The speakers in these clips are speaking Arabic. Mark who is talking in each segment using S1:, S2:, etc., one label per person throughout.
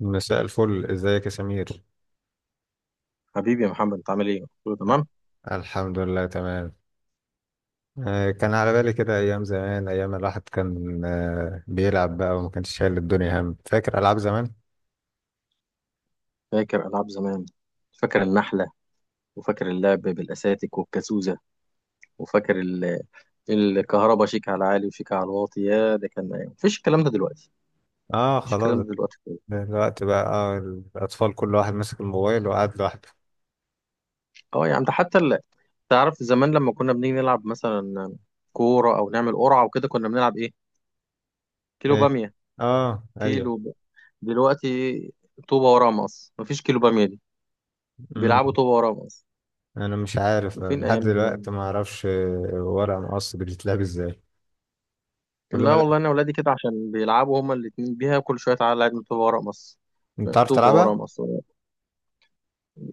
S1: مساء الفل، ازيك يا سمير؟
S2: حبيبي يا محمد، انت عامل ايه؟ كله تمام؟
S1: الحمد لله تمام. كان على بالي كده، ايام زمان، ايام الواحد كان بيلعب بقى وما كانش شايل الدنيا هم. فاكر العاب زمان.
S2: فاكر العاب زمان. فاكر النحله، وفاكر اللعب بالاساتك والكازوزه، وفاكر ال- الكهرباء شيك على العالي وشيك على الواطي. يا ده كان ايام، مفيش الكلام ده دلوقتي.
S1: اه،
S2: مفيش الكلام
S1: خلاص.
S2: ده دلوقتي خالص.
S1: دلوقتي بقى الاطفال كل واحد ماسك الموبايل وقاعد لوحده.
S2: اه يا عم، تعرف زمان لما كنا بنيجي نلعب مثلا كوره او نعمل قرعه وكده، كنا بنلعب ايه؟ كيلو
S1: ايه.
S2: باميه.
S1: اه ايوه.
S2: كيلو ب... دلوقتي طوبه وراه مقص، مفيش كيلو باميه دي.
S1: امم.
S2: بيلعبوا طوبه وراه مقص.
S1: انا مش عارف
S2: فين
S1: لحد
S2: ايام زمان!
S1: دلوقتي ما اعرفش ورق مقص بتتلعب ازاي. كل ما
S2: لا
S1: لا.
S2: والله انا ولادي كده، عشان بيلعبوا هما الاتنين بيها. كل شويه تعالى العب طوبه ورق مص.
S1: انت عارف
S2: طوبه ورق
S1: تلعبها؟
S2: مص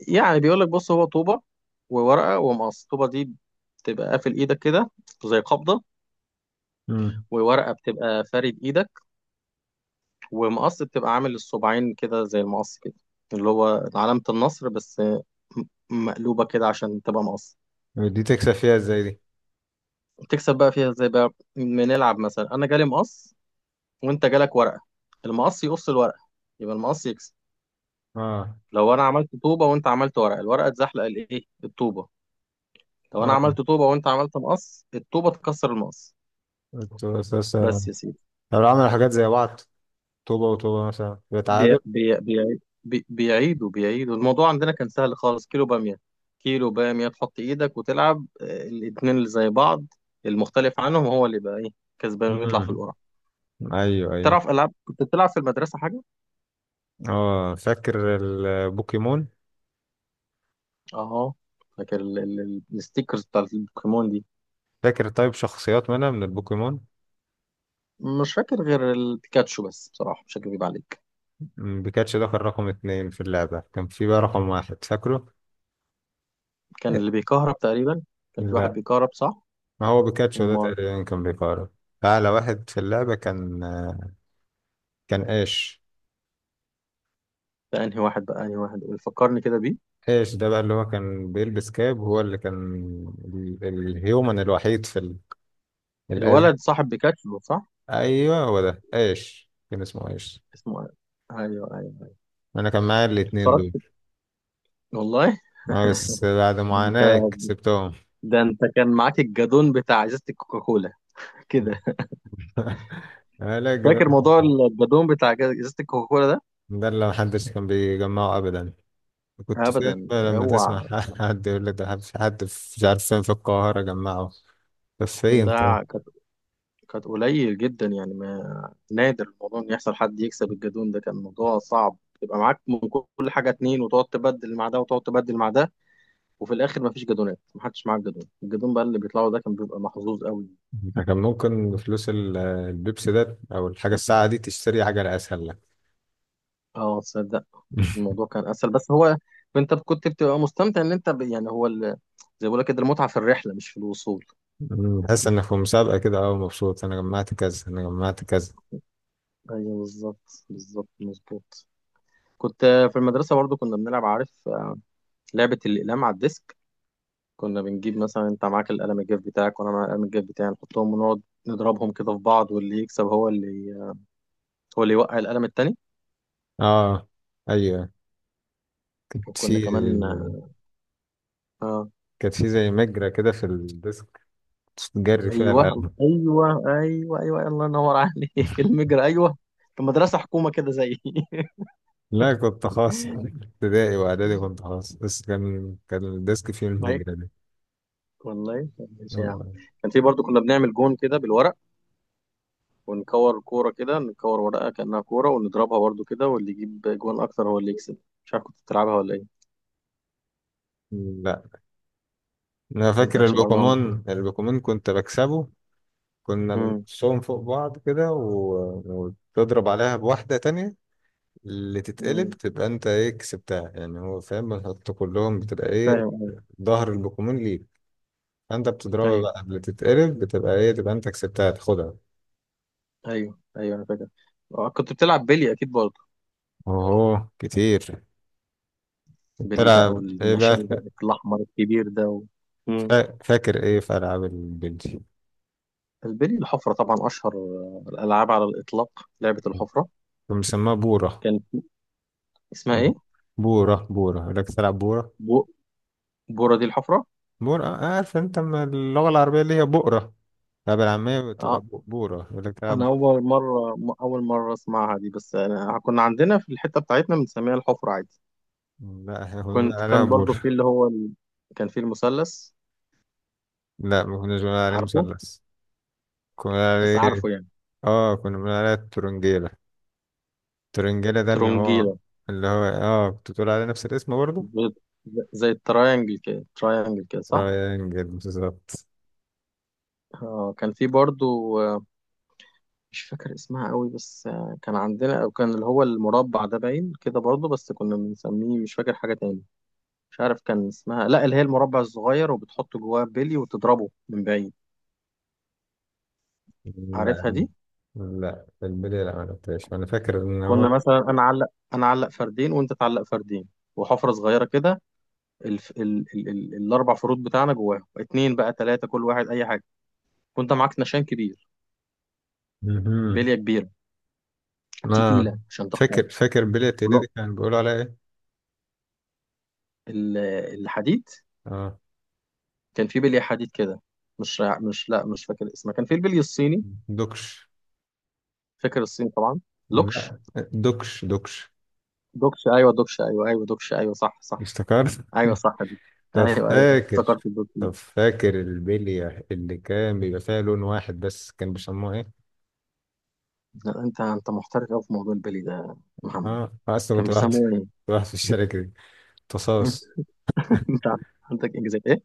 S2: يعني بيقول لك بص، هو طوبه وورقه ومقص. الطوبه دي بتبقى قافل ايدك كده، زي قبضه.
S1: امم.
S2: وورقه بتبقى فارد ايدك. ومقص بتبقى عامل الصباعين كده زي المقص كده، اللي هو علامه النصر، مقلوبه كده عشان تبقى مقص.
S1: دي تكسب فيها ازاي دي؟
S2: تكسب بقى فيها ازاي بقى؟ بنلعب مثلا انا جالي مقص، وانت جالك ورقه. المقص يقص الورقه، يبقى المقص يكسب.
S1: اه.
S2: لو انا عملت طوبه وانت عملت ورق، الورقه اتزحلق الايه الطوبه. لو انا
S1: اه،
S2: عملت طوبه وانت عملت مقص، الطوبه تكسر المقص.
S1: كنت
S2: بس يا سيدي.
S1: لو عملوا حاجات زي بعض، طوبة وطوبة مثلا يبقى
S2: بي
S1: تعادل.
S2: بي بي بي بيعيدوا بيعيدوا الموضوع. عندنا كان سهل خالص، كيلو باميه. كيلو باميه تحط ايدك وتلعب، الاتنين اللي زي بعض، المختلف عنهم هو اللي يبقى ايه، كسبان، ويطلع
S1: امم.
S2: في القرعه.
S1: ايوه ايوه.
S2: تعرف العاب كنت بتلعب في المدرسه حاجه؟
S1: اه، فاكر البوكيمون.
S2: اه، فاكر الستيكرز بتاع البوكيمون دي.
S1: فاكر طيب شخصيات منها من البوكيمون؟
S2: مش فاكر غير البيكاتشو بس بصراحه، مش هكذب عليك.
S1: مم، بيكاتشو ده كان رقم اتنين في اللعبة، كان في بقى رقم واحد، فاكره؟
S2: كان اللي بيكهرب تقريبا. كان في واحد
S1: لا.
S2: بيكهرب، صح؟
S1: ما هو بيكاتشو ده
S2: امال.
S1: تقريبا كان بيقارب أعلى واحد في اللعبة. كان، كان ايش؟
S2: ده انهي واحد بقى؟ انهي واحد؟ قول فكرني كده بيه.
S1: ايش ده بقى اللي هو كان بيلبس كاب، هو اللي كان الهيومن الوحيد في ال... الأز...
S2: الولد صاحب بيكاتشو، صح؟
S1: ايوه هو ده. ايش كان اسمه ايش؟
S2: اسمه ايه؟ ايوه ايوه ايوه.
S1: انا كان معايا الاتنين
S2: اتفرجت
S1: دول.
S2: والله.
S1: اه، بس بعد
S2: ده انت،
S1: معاناة كسبتهم.
S2: ده انت كان معاك الجدون بتاع ازازه الكوكاكولا كده.
S1: لا، الجدال
S2: فاكر موضوع
S1: ده.
S2: الجدون بتاع ازازه الكوكاكولا ده؟
S1: ده اللي محدش كان بيجمعه ابدا. كنت فين
S2: ابدا،
S1: بقى لما
S2: اوعى.
S1: تسمع حد يقول لك ده، في حد مش عارف فين في القاهرة جمعه. طب فين طيب؟
S2: ده كانت قليل جدا يعني. ما نادر الموضوع ان يحصل حد يكسب. الجدون ده كان موضوع صعب. تبقى معاك من كل حاجه اتنين، وتقعد تبدل مع ده، وتقعد تبدل مع ده. وفي الاخر مفيش جدولات، محدش معاه الجدول. الجدول بقى اللي بيطلعوا ده كان بيبقى محظوظ قوي.
S1: ده كان ممكن فلوس البيبسي ده او الحاجة الساعة دي تشتري حاجة اسهل لك.
S2: اه تصدق، الموضوع كان اسهل، بس هو انت كنت بتبقى مستمتع ان يعني زي ما بقول لك كده، المتعه في الرحله مش في الوصول.
S1: مم، تحس انك في مسابقة كده، اه، مبسوط انا جمعت كذا، انا جمعت كذا.
S2: ايوه بالظبط بالظبط، مظبوط. كنت في المدرسه برضو كنا بنلعب، عارف؟ لعبه الاقلام على الديسك. كنا بنجيب مثلا انت معاك القلم الجاف بتاعك، وانا معايا القلم الجاف بتاعي، نحطهم ونقعد نضربهم كده في بعض، واللي يكسب هو اللي هو اللي يوقع القلم التاني.
S1: اه ايوه. كانت
S2: وكنا
S1: في
S2: كمان آه،
S1: كانت في زي مجرى كده في الديسك، جري فيها
S2: ايوه
S1: القلم.
S2: ايوه ايوه ايوه، الله ينور عليك المجرى، ايوه. كان مدرسه حكومه كده زي
S1: لا، كنت خاص، ابتدائي واعدادي كنت خاص، بس كان الديسك فيه
S2: ما هي
S1: الهجرة دي.
S2: والله. ماشي يا عم. كان في برضو كنا بنعمل جون كده بالورق، ونكور كوره كده، نكور ورقه كانها كوره، ونضربها برضو كده، واللي يجيب جون اكتر هو اللي يكسب. مش عارف كنت بتلعبها ولا ايه.
S1: لا. انا
S2: ما
S1: فاكر
S2: كانش برضو عندك.
S1: البوكيمون، البوكيمون كنت بكسبه. كنا
S2: امم.
S1: بنقصهم فوق بعض كده، و... وتضرب عليها بواحدة تانية. اللي تتقلب
S2: امم.
S1: تبقى انت ايه، كسبتها، يعني هو فاهم، بنحط كلهم بتبقى ايه،
S2: فاهم، ايوه.
S1: ظهر البوكيمون ليك. انت بتضربها
S2: ايوه
S1: بقى قبل تتقلب، بتبقى ايه، تبقى انت كسبتها، تاخدها.
S2: ايوه أيوه، انا فاكر. كنت بتلعب بيلي اكيد برضو.
S1: اوه كتير.
S2: بيلي بقى
S1: بتلعب ايه
S2: والنشان بقى
S1: بقى؟
S2: الاحمر الكبير ده
S1: فاكر ايه في العاب البنتي؟
S2: البلي الحفرة طبعا أشهر الألعاب على الإطلاق، لعبة الحفرة.
S1: كان مسماها بورة.
S2: كانت اسمها إيه؟
S1: بورة، بورة لك، تلعب بورة.
S2: بو... بورة دي الحفرة؟
S1: بورة، عارف انت أما اللغة العربية اللي هي بؤرة، اللعبة العامية بتبقى
S2: آه.
S1: بورة، يقول لك تلعب
S2: أنا
S1: بورة.
S2: أول مرة أول مرة أسمعها دي، بس أنا كنا عندنا في الحتة بتاعتنا بنسميها الحفرة عادي.
S1: لا، احنا كنا بنقول عليها
S2: كان برضو في
S1: بورة.
S2: كان في المثلث،
S1: لا، ما كناش بنقول عليه
S2: عارفه؟
S1: مثلث. كنا بنقول
S2: بس
S1: عليه،
S2: عارفه يعني.
S1: اه، كنا بنقول عليه الترنجيلة. الترنجيلة، ده اللي هو
S2: ترونجيلة.
S1: اللي هو اه، كنت بتقول عليه نفس الاسم برضه.
S2: زي زي التراينجل كده، تراينجل كده، صح؟
S1: ترينجل بالظبط.
S2: آه كان في برضو مش فاكر اسمها قوي، بس كان عندنا او كان اللي هو المربع ده باين كده برضه، بس كنا بنسميه مش فاكر حاجة تاني. مش عارف كان اسمها، لا اللي هي المربع الصغير وبتحط جواه بلي وتضربه من بعيد.
S1: لا،
S2: عارفها دي؟
S1: لا البلي، لا، ما لعبتهاش، انا فاكر ان هو
S2: كنا مثلا انا اعلق انا اعلق فردين، وانت تعلق فردين، وحفرة صغيرة كده. الف... ال... ال... ال... الاربع فروت بتاعنا جواهم اتنين بقى تلاتة، كل واحد اي حاجة. وانت معاك نشان كبير،
S1: مهم.
S2: بلية كبيرة
S1: اه،
S2: تقيلة عشان تخرج.
S1: فاكر بيلي التقيلة دي،
S2: ونق-
S1: كان بيقولوا عليها ايه؟
S2: ال- الحديد.
S1: اه،
S2: كان في بلي حديد كده. مش فاكر اسمها. كان في البلي الصيني.
S1: دوكش.
S2: فاكر الصيني طبعا. لوكش.
S1: لا، دوكش دوكش.
S2: دوكش ايوه، دوكش، ايوه ايوه دوكش، ايوه صح صح.
S1: افتكرت.
S2: ايوه صح دي.
S1: طب
S2: ايوه ايوه
S1: فاكر.
S2: افتكرت الدوكش
S1: طب
S2: دي.
S1: فاكر البلية اللي كان بيبقى فيها لون واحد بس، كان بيسموها ايه؟
S2: لا، انت محترف قوي في موضوع البلي ده يا محمد.
S1: اه، اصلا
S2: كان
S1: كنت واحد.
S2: بيسموه ايه؟
S1: واحد في الشركة دي. تصاص.
S2: انت عندك انجازات ايه؟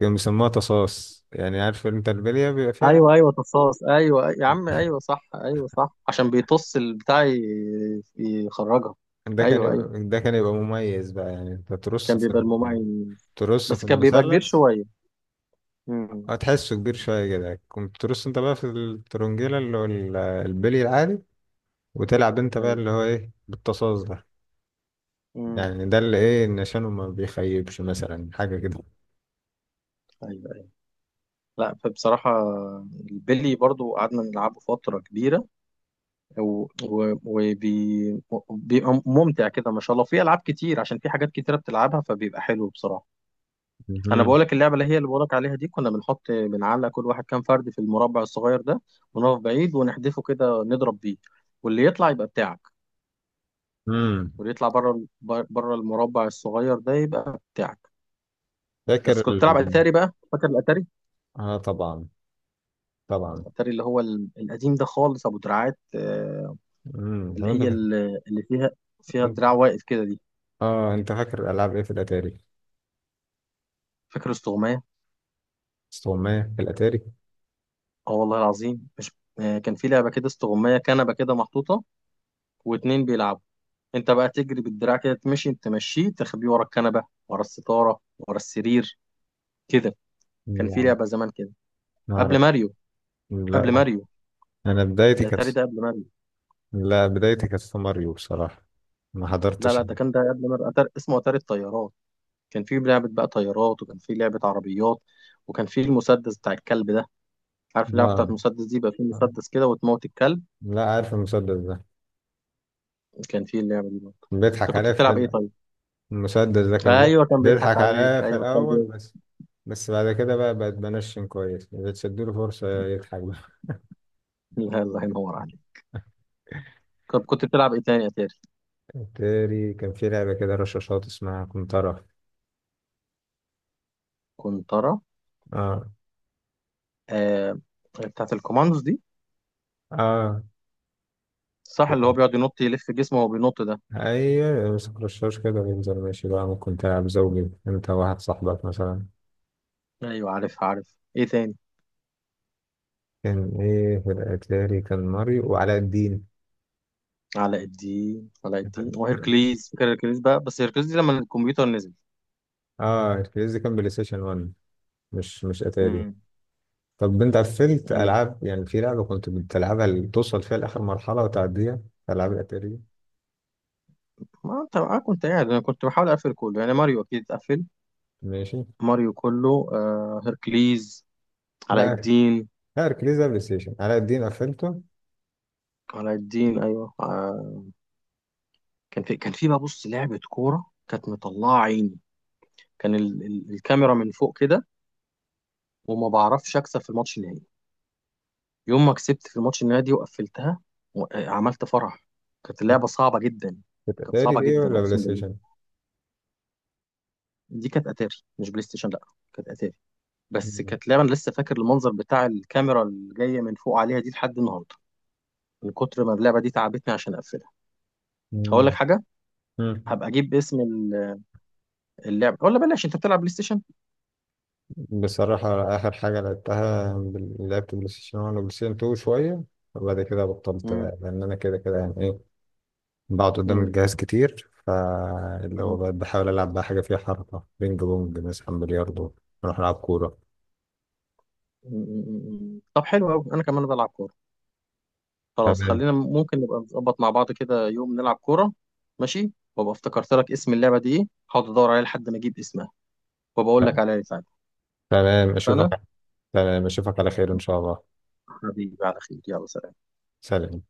S1: كان بيسموها تصاص، يعني عارف انت البلية بيبقى فيها.
S2: ايوه ايوه، تصاص، ايوه. أيوة. يا عم ايوه صح، ايوه صح، عشان بيطص البتاع يخرجها.
S1: ده كان
S2: ايوه ايوه،
S1: يبقى ده كان يبقى مميز بقى، يعني انت ترص
S2: كان
S1: في
S2: بيبقى المميز،
S1: ترص في
S2: بس كان بيبقى كبير
S1: المثلث.
S2: شويه. امم.
S1: هتحسه كبير شوية كده، كنت ترص انت بقى في الترنجيلة اللي هو البلي العادي، وتلعب انت بقى
S2: ايوه.
S1: اللي هو ايه، بالتصاص ده.
S2: امم.
S1: يعني ده اللي ايه، النشانه ما بيخيبش مثلا، حاجة كده.
S2: ايوه أيوة. لا فبصراحة، البلي برضو قعدنا نلعبه فترة كبيرة، و- و- وبي- وبيبقى ممتع كده ما شاء الله. في ألعاب كتير، عشان في حاجات كتيرة بتلعبها، فبيبقى حلو بصراحة. أنا
S1: مهم.
S2: بقولك اللعبة اللي هي اللي بقولك عليها دي، كنا بنحط بنعلق كل واحد كام فرد في المربع الصغير ده، ونقف بعيد ونحدفه كده نضرب بيه، واللي يطلع يبقى بتاعك.
S1: مم.
S2: واللي يطلع بره بره المربع الصغير ده يبقى بتاعك.
S1: فاكر
S2: بس كنت
S1: ال...
S2: بتلعب أتاري بقى؟ فاكر الأتاري؟
S1: اه طبعا، طبعا.
S2: الأتاري اللي هو القديم ده خالص، أبو دراعات.
S1: مم. طب
S2: اللي
S1: انت
S2: هي ال- اللي فيها
S1: انت-
S2: دراع واقف كده دي.
S1: اه، انت فاكر العاب ايه في الاتاري؟
S2: فاكر استغماية.
S1: استغماية في الاتاري؟
S2: اه والله العظيم، مش آه، كان في لعبة كده استغماية، كنبة كده محطوطة، واتنين بيلعبوا. انت بقى تجري بالدراع كده تمشي تمشيه، تخبيه ورا الكنبة، ورا الستارة، ورا السرير كده. كان في
S1: لا.
S2: لعبة زمان كده قبل
S1: نعرف.
S2: ماريو. قبل
S1: لا،
S2: ماريو.
S1: انا بدايتي كانت،
S2: الاتاري ده قبل ماريو.
S1: لا، بدايتي كانت في ماريو بصراحة، ما
S2: لا
S1: حضرتش.
S2: لا، ده كان ده قبل ماريو. أتاري اسمه اتاري الطيارات. كان في لعبة بقى طيارات، وكان في لعبة عربيات، وكان في المسدس بتاع الكلب ده. عارف اللعبة بتاعت
S1: اه.
S2: المسدس دي؟ بقى في مسدس كده وتموت الكلب.
S1: لا، عارف المسدس ده.
S2: كان في اللعبة دي. انت
S1: بيضحك
S2: كنت
S1: عليها
S2: بتلعب ايه
S1: في.
S2: طيب؟
S1: المسدس ده
S2: ايوه كان بيضحك
S1: بيضحك
S2: عليك،
S1: عليها في
S2: ايوه
S1: الأول
S2: كان
S1: بس. بس بعد كده بقى بقت بنشن كويس، بتديله فرصة يضحك بقى.
S2: بيضحك. الله ينور عليك. طب كنت بتلعب ايه تاني يا تاري؟
S1: تاني كان في لعبة كده رشاشات اسمها كنترة.
S2: كنت ترى.
S1: اه.
S2: آه، بتاعت الكوماندوز دي،
S1: اه،
S2: صح؟ اللي هو بيقعد ينط يلف جسمه وهو بينط ده.
S1: ايوه، يمسك رشاش كده وينزل ماشي بقى، ممكن تلعب زوجي انت وواحد صاحبك مثلا.
S2: ايوه، عارف، عارف. ايه تاني؟
S1: كان ايه في الاتاري؟ كان ماريو وعلاء الدين.
S2: علاء الدين. علاء الدين وهيركليز. فاكر هيركليز بقى، بس هيركليز دي لما الكمبيوتر نزل.
S1: اه، الكريزي كان بلاي ستيشن 1، مش اتاري.
S2: امم.
S1: طب انت قفلت
S2: ايوه.
S1: العاب، يعني في لعبه كنت بتلعبها اللي توصل فيها لاخر مرحله وتعديها، العاب الاتاري؟
S2: ما انت انا كنت قاعد، انا كنت بحاول اقفل كله يعني. ماريو اكيد اتقفل.
S1: ماشي.
S2: ماريو كله، آه، هيركليز، علاء
S1: لا،
S2: الدين.
S1: لا اركليز ده بلاي ستيشن، علاء الدين قفلته.
S2: علاء الدين ايوه آه. كان في بقى، بص، لعبة كورة كانت مطلعة عيني. كان الكاميرا من فوق كده، وما بعرفش أكسب في الماتش النهائي. يوم ما كسبت في الماتش النهائي دي وقفلتها، و... آه، عملت فرح. كانت اللعبة صعبة جدا.
S1: كانت
S2: كانت
S1: اتاري
S2: صعبة
S1: دي
S2: جدا،
S1: ولا بلاي
S2: أقسم بالله.
S1: ستيشن؟
S2: دي كانت أتاري، مش بلاي ستيشن، لأ. كانت أتاري. بس
S1: مم.
S2: كانت لعبة أنا لسه فاكر المنظر بتاع الكاميرا اللي جاية من فوق عليها دي لحد النهاردة. من كتر ما اللعبة دي تعبتني عشان أقفلها. هقول لك
S1: مم.
S2: حاجة.
S1: مم.
S2: هبقى أجيب اسم اللعبة، ولا بلاش. أنت بتلعب بلاي ستيشن؟
S1: بصراحه، اخر حاجه لعبتها لعبت بلاي ستيشن 1 وبلاي ستيشن 2 شويه، وبعد كده بطلت
S2: مم.
S1: لان انا كده كده، يعني ايه، بقعد قدام
S2: مم.
S1: الجهاز كتير، فاللي هو بقى بحاول العب بقى حاجه فيها حركه، بينج بونج مثلا، بلياردو، نروح نلعب كوره.
S2: طب حلو قوي، انا كمان بلعب كوره. خلاص،
S1: تمام.
S2: خلينا ممكن نبقى نظبط مع بعض كده يوم نلعب كوره. ماشي. وابقى افتكرت لك اسم اللعبه دي ايه، هقعد ادور عليها لحد ما اجيب اسمها وبقول لك عليها ساعتها.
S1: تمام،
S2: اتفقنا.
S1: اشوفك. تمام، اشوفك على خير ان شاء الله.
S2: حبيبي على خير، يلا سلام.
S1: سلام.